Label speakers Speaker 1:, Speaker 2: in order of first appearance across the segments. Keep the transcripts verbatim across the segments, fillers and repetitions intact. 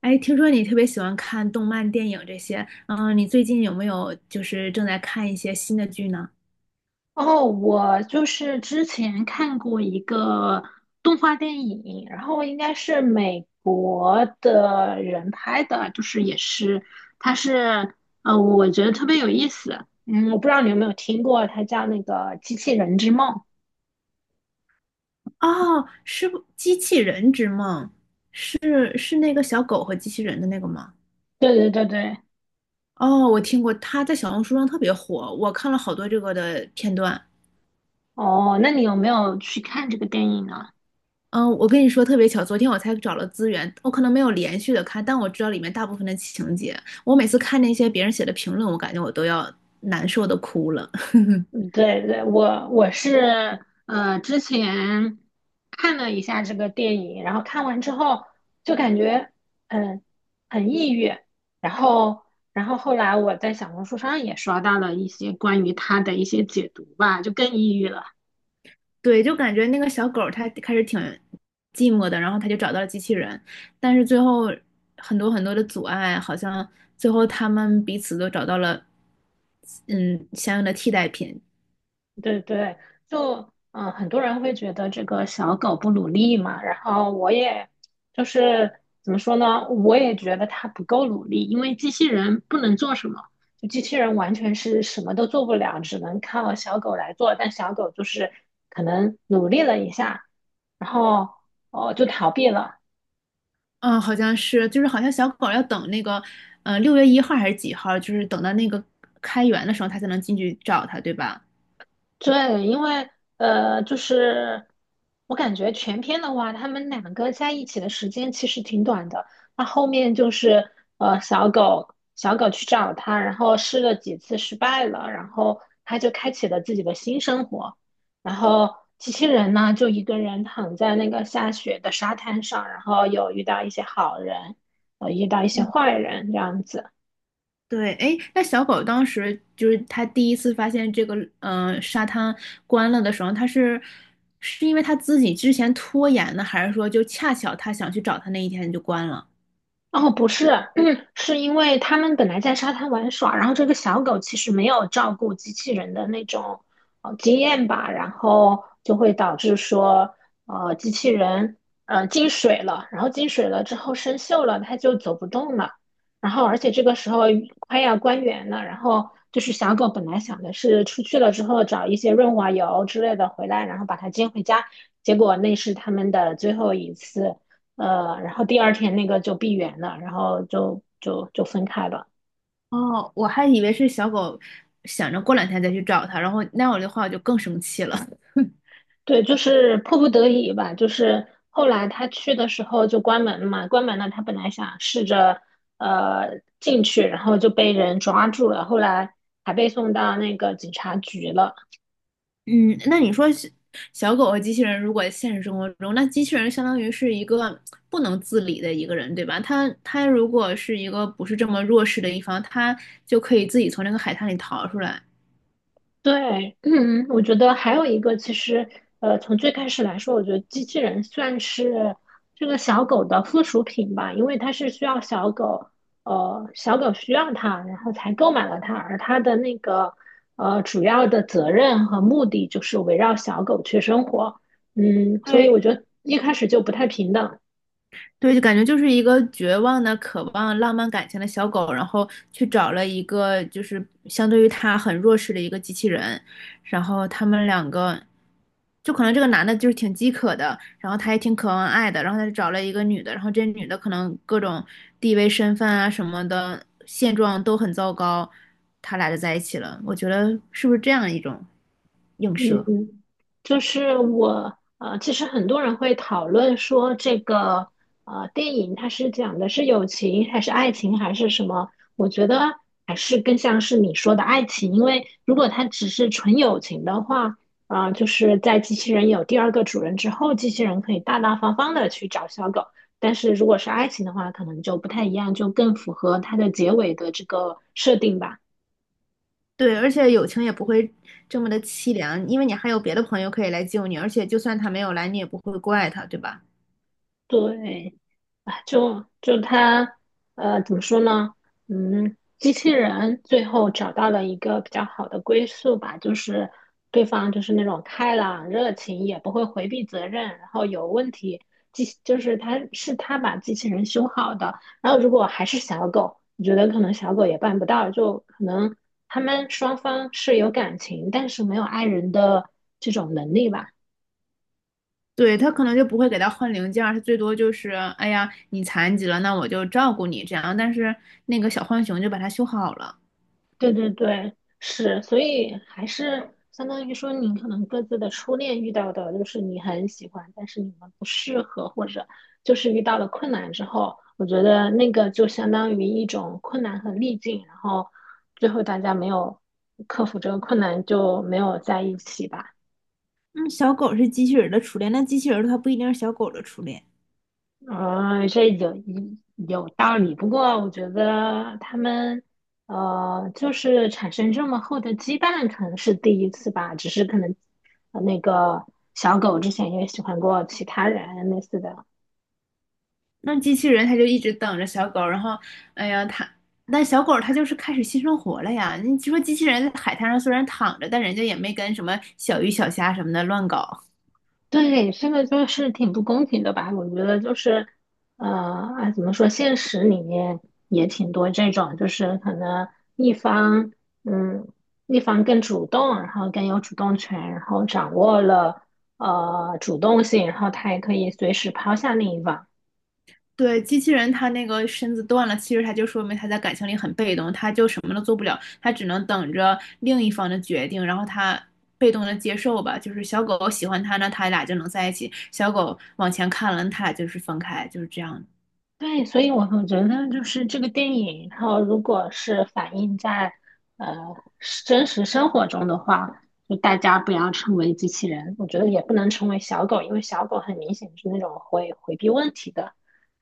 Speaker 1: 哎，听说你特别喜欢看动漫、电影这些，嗯，你最近有没有就是正在看一些新的剧呢？
Speaker 2: 哦，我就是之前看过一个动画电影，然后应该是美国的人拍的，就是也是，它是呃，我觉得特别有意思。嗯，我不知道你有没有听过，它叫那个《机器人之梦》。
Speaker 1: 哦，是不《机器人之梦》是是那个小狗和机器人的那个吗？
Speaker 2: 对对对对，
Speaker 1: 哦，我听过，它在小红书上特别火，我看了好多这个的片段。
Speaker 2: 哦，那你有没有去看这个电影呢？
Speaker 1: 嗯，我跟你说特别巧，昨天我才找了资源，我可能没有连续的看，但我知道里面大部分的情节。我每次看那些别人写的评论，我感觉我都要难受的哭了。
Speaker 2: 嗯对对，我我是呃之前看了一下这个电影，然后看完之后就感觉嗯很抑郁，然后然后后来我在小红书上也刷到了一些关于他的一些解读吧，就更抑郁了。
Speaker 1: 对，就感觉那个小狗儿它开始挺寂寞的，然后它就找到了机器人，但是最后很多很多的阻碍，好像最后他们彼此都找到了，嗯，相应的替代品。
Speaker 2: 对对，就嗯、呃很多人会觉得这个小狗不努力嘛，然后我也就是怎么说呢，我也觉得它不够努力，因为机器人不能做什么，就机器人完全是什么都做不了，只能靠小狗来做，但小狗就是可能努力了一下，然后哦就逃避了，
Speaker 1: 嗯，好像是，就是好像小狗儿要等那个，嗯六月一号还是几号，就是等到那个开园的时候，它才能进去找它，对吧？
Speaker 2: 对，因为呃，就是我感觉全篇的话，他们两个在一起的时间其实挺短的。那后面就是呃，小狗小狗去找他，然后试了几次失败了，然后他就开启了自己的新生活。然后机器人呢，就一个人躺在那个下雪的沙滩上，然后有遇到一些好人，呃，遇到一些坏人这样子。
Speaker 1: 对，哎，那小狗当时就是它第一次发现这个呃沙滩关了的时候，它是是因为它自己之前拖延呢，还是说就恰巧它想去找它那一天就关了？
Speaker 2: 哦，不是，是因为他们本来在沙滩玩耍，然后这个小狗其实没有照顾机器人的那种呃经验吧，然后就会导致说，呃，机器人呃进水了，然后进水了之后生锈了，它就走不动了，然后而且这个时候快要关园了，然后就是小狗本来想的是出去了之后找一些润滑油之类的回来，然后把它接回家，结果那是他们的最后一次。呃，然后第二天那个就闭园了，然后就就就分开了。
Speaker 1: 哦，我还以为是小狗想着过两天再去找它，然后那样的话我就更生气了。
Speaker 2: 对，就是迫不得已吧。就是后来他去的时候就关门嘛，关门了。他本来想试着呃进去，然后就被人抓住了，后来还被送到那个警察局了。
Speaker 1: 嗯，那你说是小狗和机器人，如果现实生活中，那机器人相当于是一个不能自理的一个人，对吧？他他如果是一个不是这么弱势的一方，他就可以自己从那个海滩里逃出来。
Speaker 2: 对，嗯，我觉得还有一个，其实，呃，从最开始来说，我觉得机器人算是这个小狗的附属品吧，因为它是需要小狗，呃，小狗需要它，然后才购买了它，而它的那个，呃，主要的责任和目的就是围绕小狗去生活，嗯，所以
Speaker 1: 对，
Speaker 2: 我觉得一开始就不太平等。
Speaker 1: 对，就感觉就是一个绝望的、渴望浪漫感情的小狗，然后去找了一个就是相对于他很弱势的一个机器人，然后他们两个，就可能这个男的就是挺饥渴的，然后他也挺渴望爱的，然后他就找了一个女的，然后这女的可能各种地位、身份啊什么的现状都很糟糕，他俩就在一起了。我觉得是不是这样一种映
Speaker 2: 嗯，
Speaker 1: 射？
Speaker 2: 嗯，就是我呃，其实很多人会讨论说这个呃电影它是讲的是友情还是爱情还是什么？我觉得还是更像是你说的爱情，因为如果它只是纯友情的话，啊、就是在机器人有第二个主人之后，机器人可以大大方方的去找小狗，但是如果是爱情的话，可能就不太一样，就更符合它的结尾的这个设定吧。
Speaker 1: 对，而且友情也不会这么的凄凉，因为你还有别的朋友可以来救你，而且就算他没有来，你也不会怪他，对吧？
Speaker 2: 对，啊，就就他，呃，怎么说呢？嗯，机器人最后找到了一个比较好的归宿吧，就是对方就是那种开朗、热情，也不会回避责任，然后有问题，机就是他是他把机器人修好的。然后如果还是小狗，我觉得可能小狗也办不到，就可能他们双方是有感情，但是没有爱人的这种能力吧。
Speaker 1: 对，他可能就不会给他换零件儿，他最多就是，哎呀，你残疾了，那我就照顾你这样。但是那个小浣熊就把它修好了，
Speaker 2: 对对对，是，所以还是相当于说，你可能各自的初恋遇到的，就是你很喜欢，但是你们不适合，或者就是遇到了困难之后，我觉得那个就相当于一种困难和逆境，然后最后大家没有克服这个困难，就没有在一起吧。
Speaker 1: 嗯，小狗是机器人儿的初恋，那机器人儿它不一定是小狗的初恋。
Speaker 2: 啊，这有一有道理。不过我觉得他们呃，就是产生这么厚的羁绊，可能是第一次吧。只是可能呃那个小狗之前也喜欢过其他人类似的。
Speaker 1: 那机器人它就一直等着小狗，然后，哎呀，它，但小狗它就是开始新生活了呀。你说机器人在海滩上虽然躺着，但人家也没跟什么小鱼小虾什么的乱搞。
Speaker 2: 对，这个就是挺不公平的吧？我觉得就是，呃，啊，怎么说，现实里面也挺多这种，就是可能一方，嗯，一方更主动，然后更有主动权，然后掌握了呃主动性，然后他也可以随时抛下另一方。
Speaker 1: 对，机器人他那个身子断了，其实他就说明他在感情里很被动，他就什么都做不了，他只能等着另一方的决定，然后他被动的接受吧。就是小狗喜欢他呢，他俩就能在一起；小狗往前看了，他俩就是分开，就是这样。
Speaker 2: 对，所以我会觉得就是这个电影，然后如果是反映在呃是真实生活中的话，就大家不要成为机器人，我觉得也不能成为小狗，因为小狗很明显是那种会回避问题的，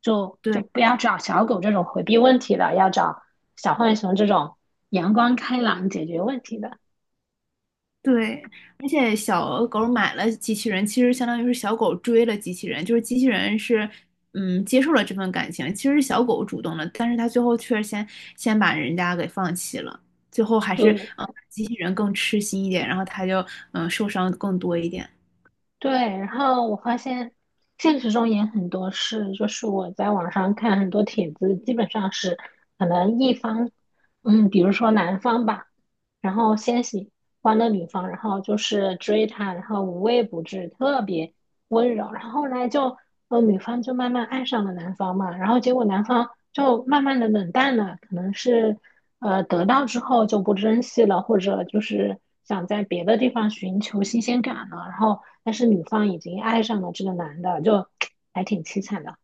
Speaker 2: 就
Speaker 1: 对，
Speaker 2: 就不要找小狗这种回避问题的，要找小浣熊这种阳光开朗解决问题的。
Speaker 1: 对，而且小狗买了机器人，其实相当于是小狗追了机器人，就是机器人是，嗯，接受了这份感情，其实是小狗主动的，但是它最后却先先把人家给放弃了，最后还是，
Speaker 2: 对，
Speaker 1: 呃，机器人更痴心一点，然后它就，嗯，受伤更多一点。
Speaker 2: 对，然后我发现现实中也很多事，就是我在网上看很多帖子，基本上是可能一方，嗯，比如说男方吧，然后先喜欢了女方，然后就是追她，然后无微不至，特别温柔，然后后来就，呃，女方就慢慢爱上了男方嘛，然后结果男方就慢慢的冷淡了，可能是。呃，得到之后就不珍惜了，或者就是想在别的地方寻求新鲜感了。然后，但是女方已经爱上了这个男的，就还挺凄惨的。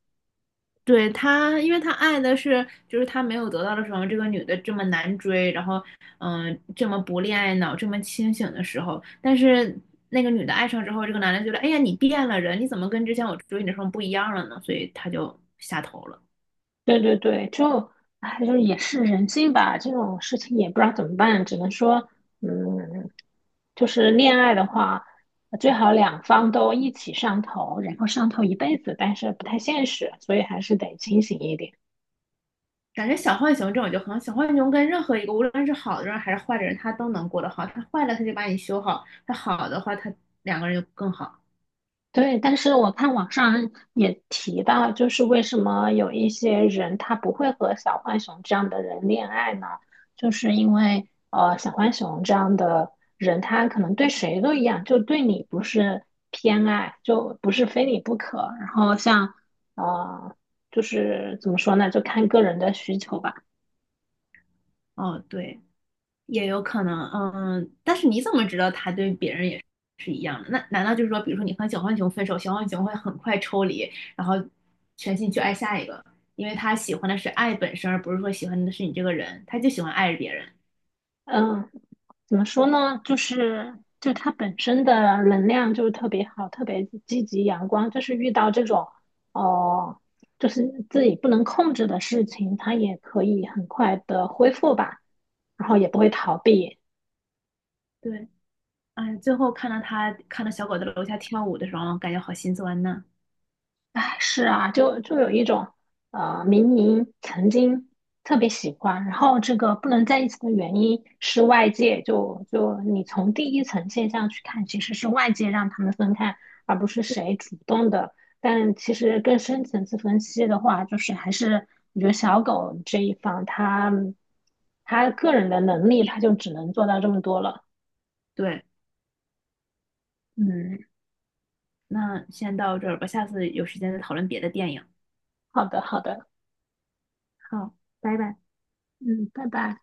Speaker 1: 对他，因为他爱的是，就是他没有得到的时候，这个女的这么难追，然后，嗯、这么不恋爱脑，这么清醒的时候，但是那个女的爱上之后，这个男的觉得，哎呀，你变了人，你怎么跟之前我追你的时候不一样了呢？所以他就下头了。
Speaker 2: 对对对，就哎，就是也是人性吧，这种事情也不知道怎么办，只能说，嗯，就是恋爱的话，最好两方都一起上头，然后上头一辈子，但是不太现实，所以还是得清醒一点。
Speaker 1: 感觉小浣熊这种就很好，小浣熊跟任何一个无论是好的人还是坏的人，他都能过得好。他坏了他就把你修好，他好的话他两个人就更好。
Speaker 2: 对，但是我看网上也提到，就是为什么有一些人他不会和小浣熊这样的人恋爱呢？就是因为呃，小浣熊这样的人，他可能对谁都一样，就对你不是偏爱，就不是非你不可。然后像呃，就是怎么说呢，就看个人的需求吧。
Speaker 1: 哦，对。也有可能，嗯，但是你怎么知道他对别人也是一样的？那难道就是说，比如说你和小浣熊分手，小浣熊会很快抽离，然后全心去爱下一个，因为他喜欢的是爱本身，而不是说喜欢的是你这个人，他就喜欢爱着别人。
Speaker 2: 嗯。怎么说呢？就是就它本身的能量就特别好，特别积极阳光。就是遇到这种哦、呃就是自己不能控制的事情，它也可以很快的恢复吧，然后也不
Speaker 1: 对
Speaker 2: 会逃避。
Speaker 1: 对，哎，最后看到他看到小狗在楼下跳舞的时候，感觉好心酸呐。
Speaker 2: 是啊，就就有一种，呃，明明曾经特别喜欢，然后这个不能在一起的原因是外界，就就你从第一层现象去看，其实是外界让他们分开，而不是谁主动的。但其实更深层次分析的话，就是还是我觉得小狗这一方，他他个人的能力，他就只能做到这么多了。
Speaker 1: 对，
Speaker 2: 嗯，
Speaker 1: 那先到这儿吧，下次有时间再讨论别的电影。
Speaker 2: 好的，好的，
Speaker 1: 好，拜拜。
Speaker 2: 嗯，拜拜。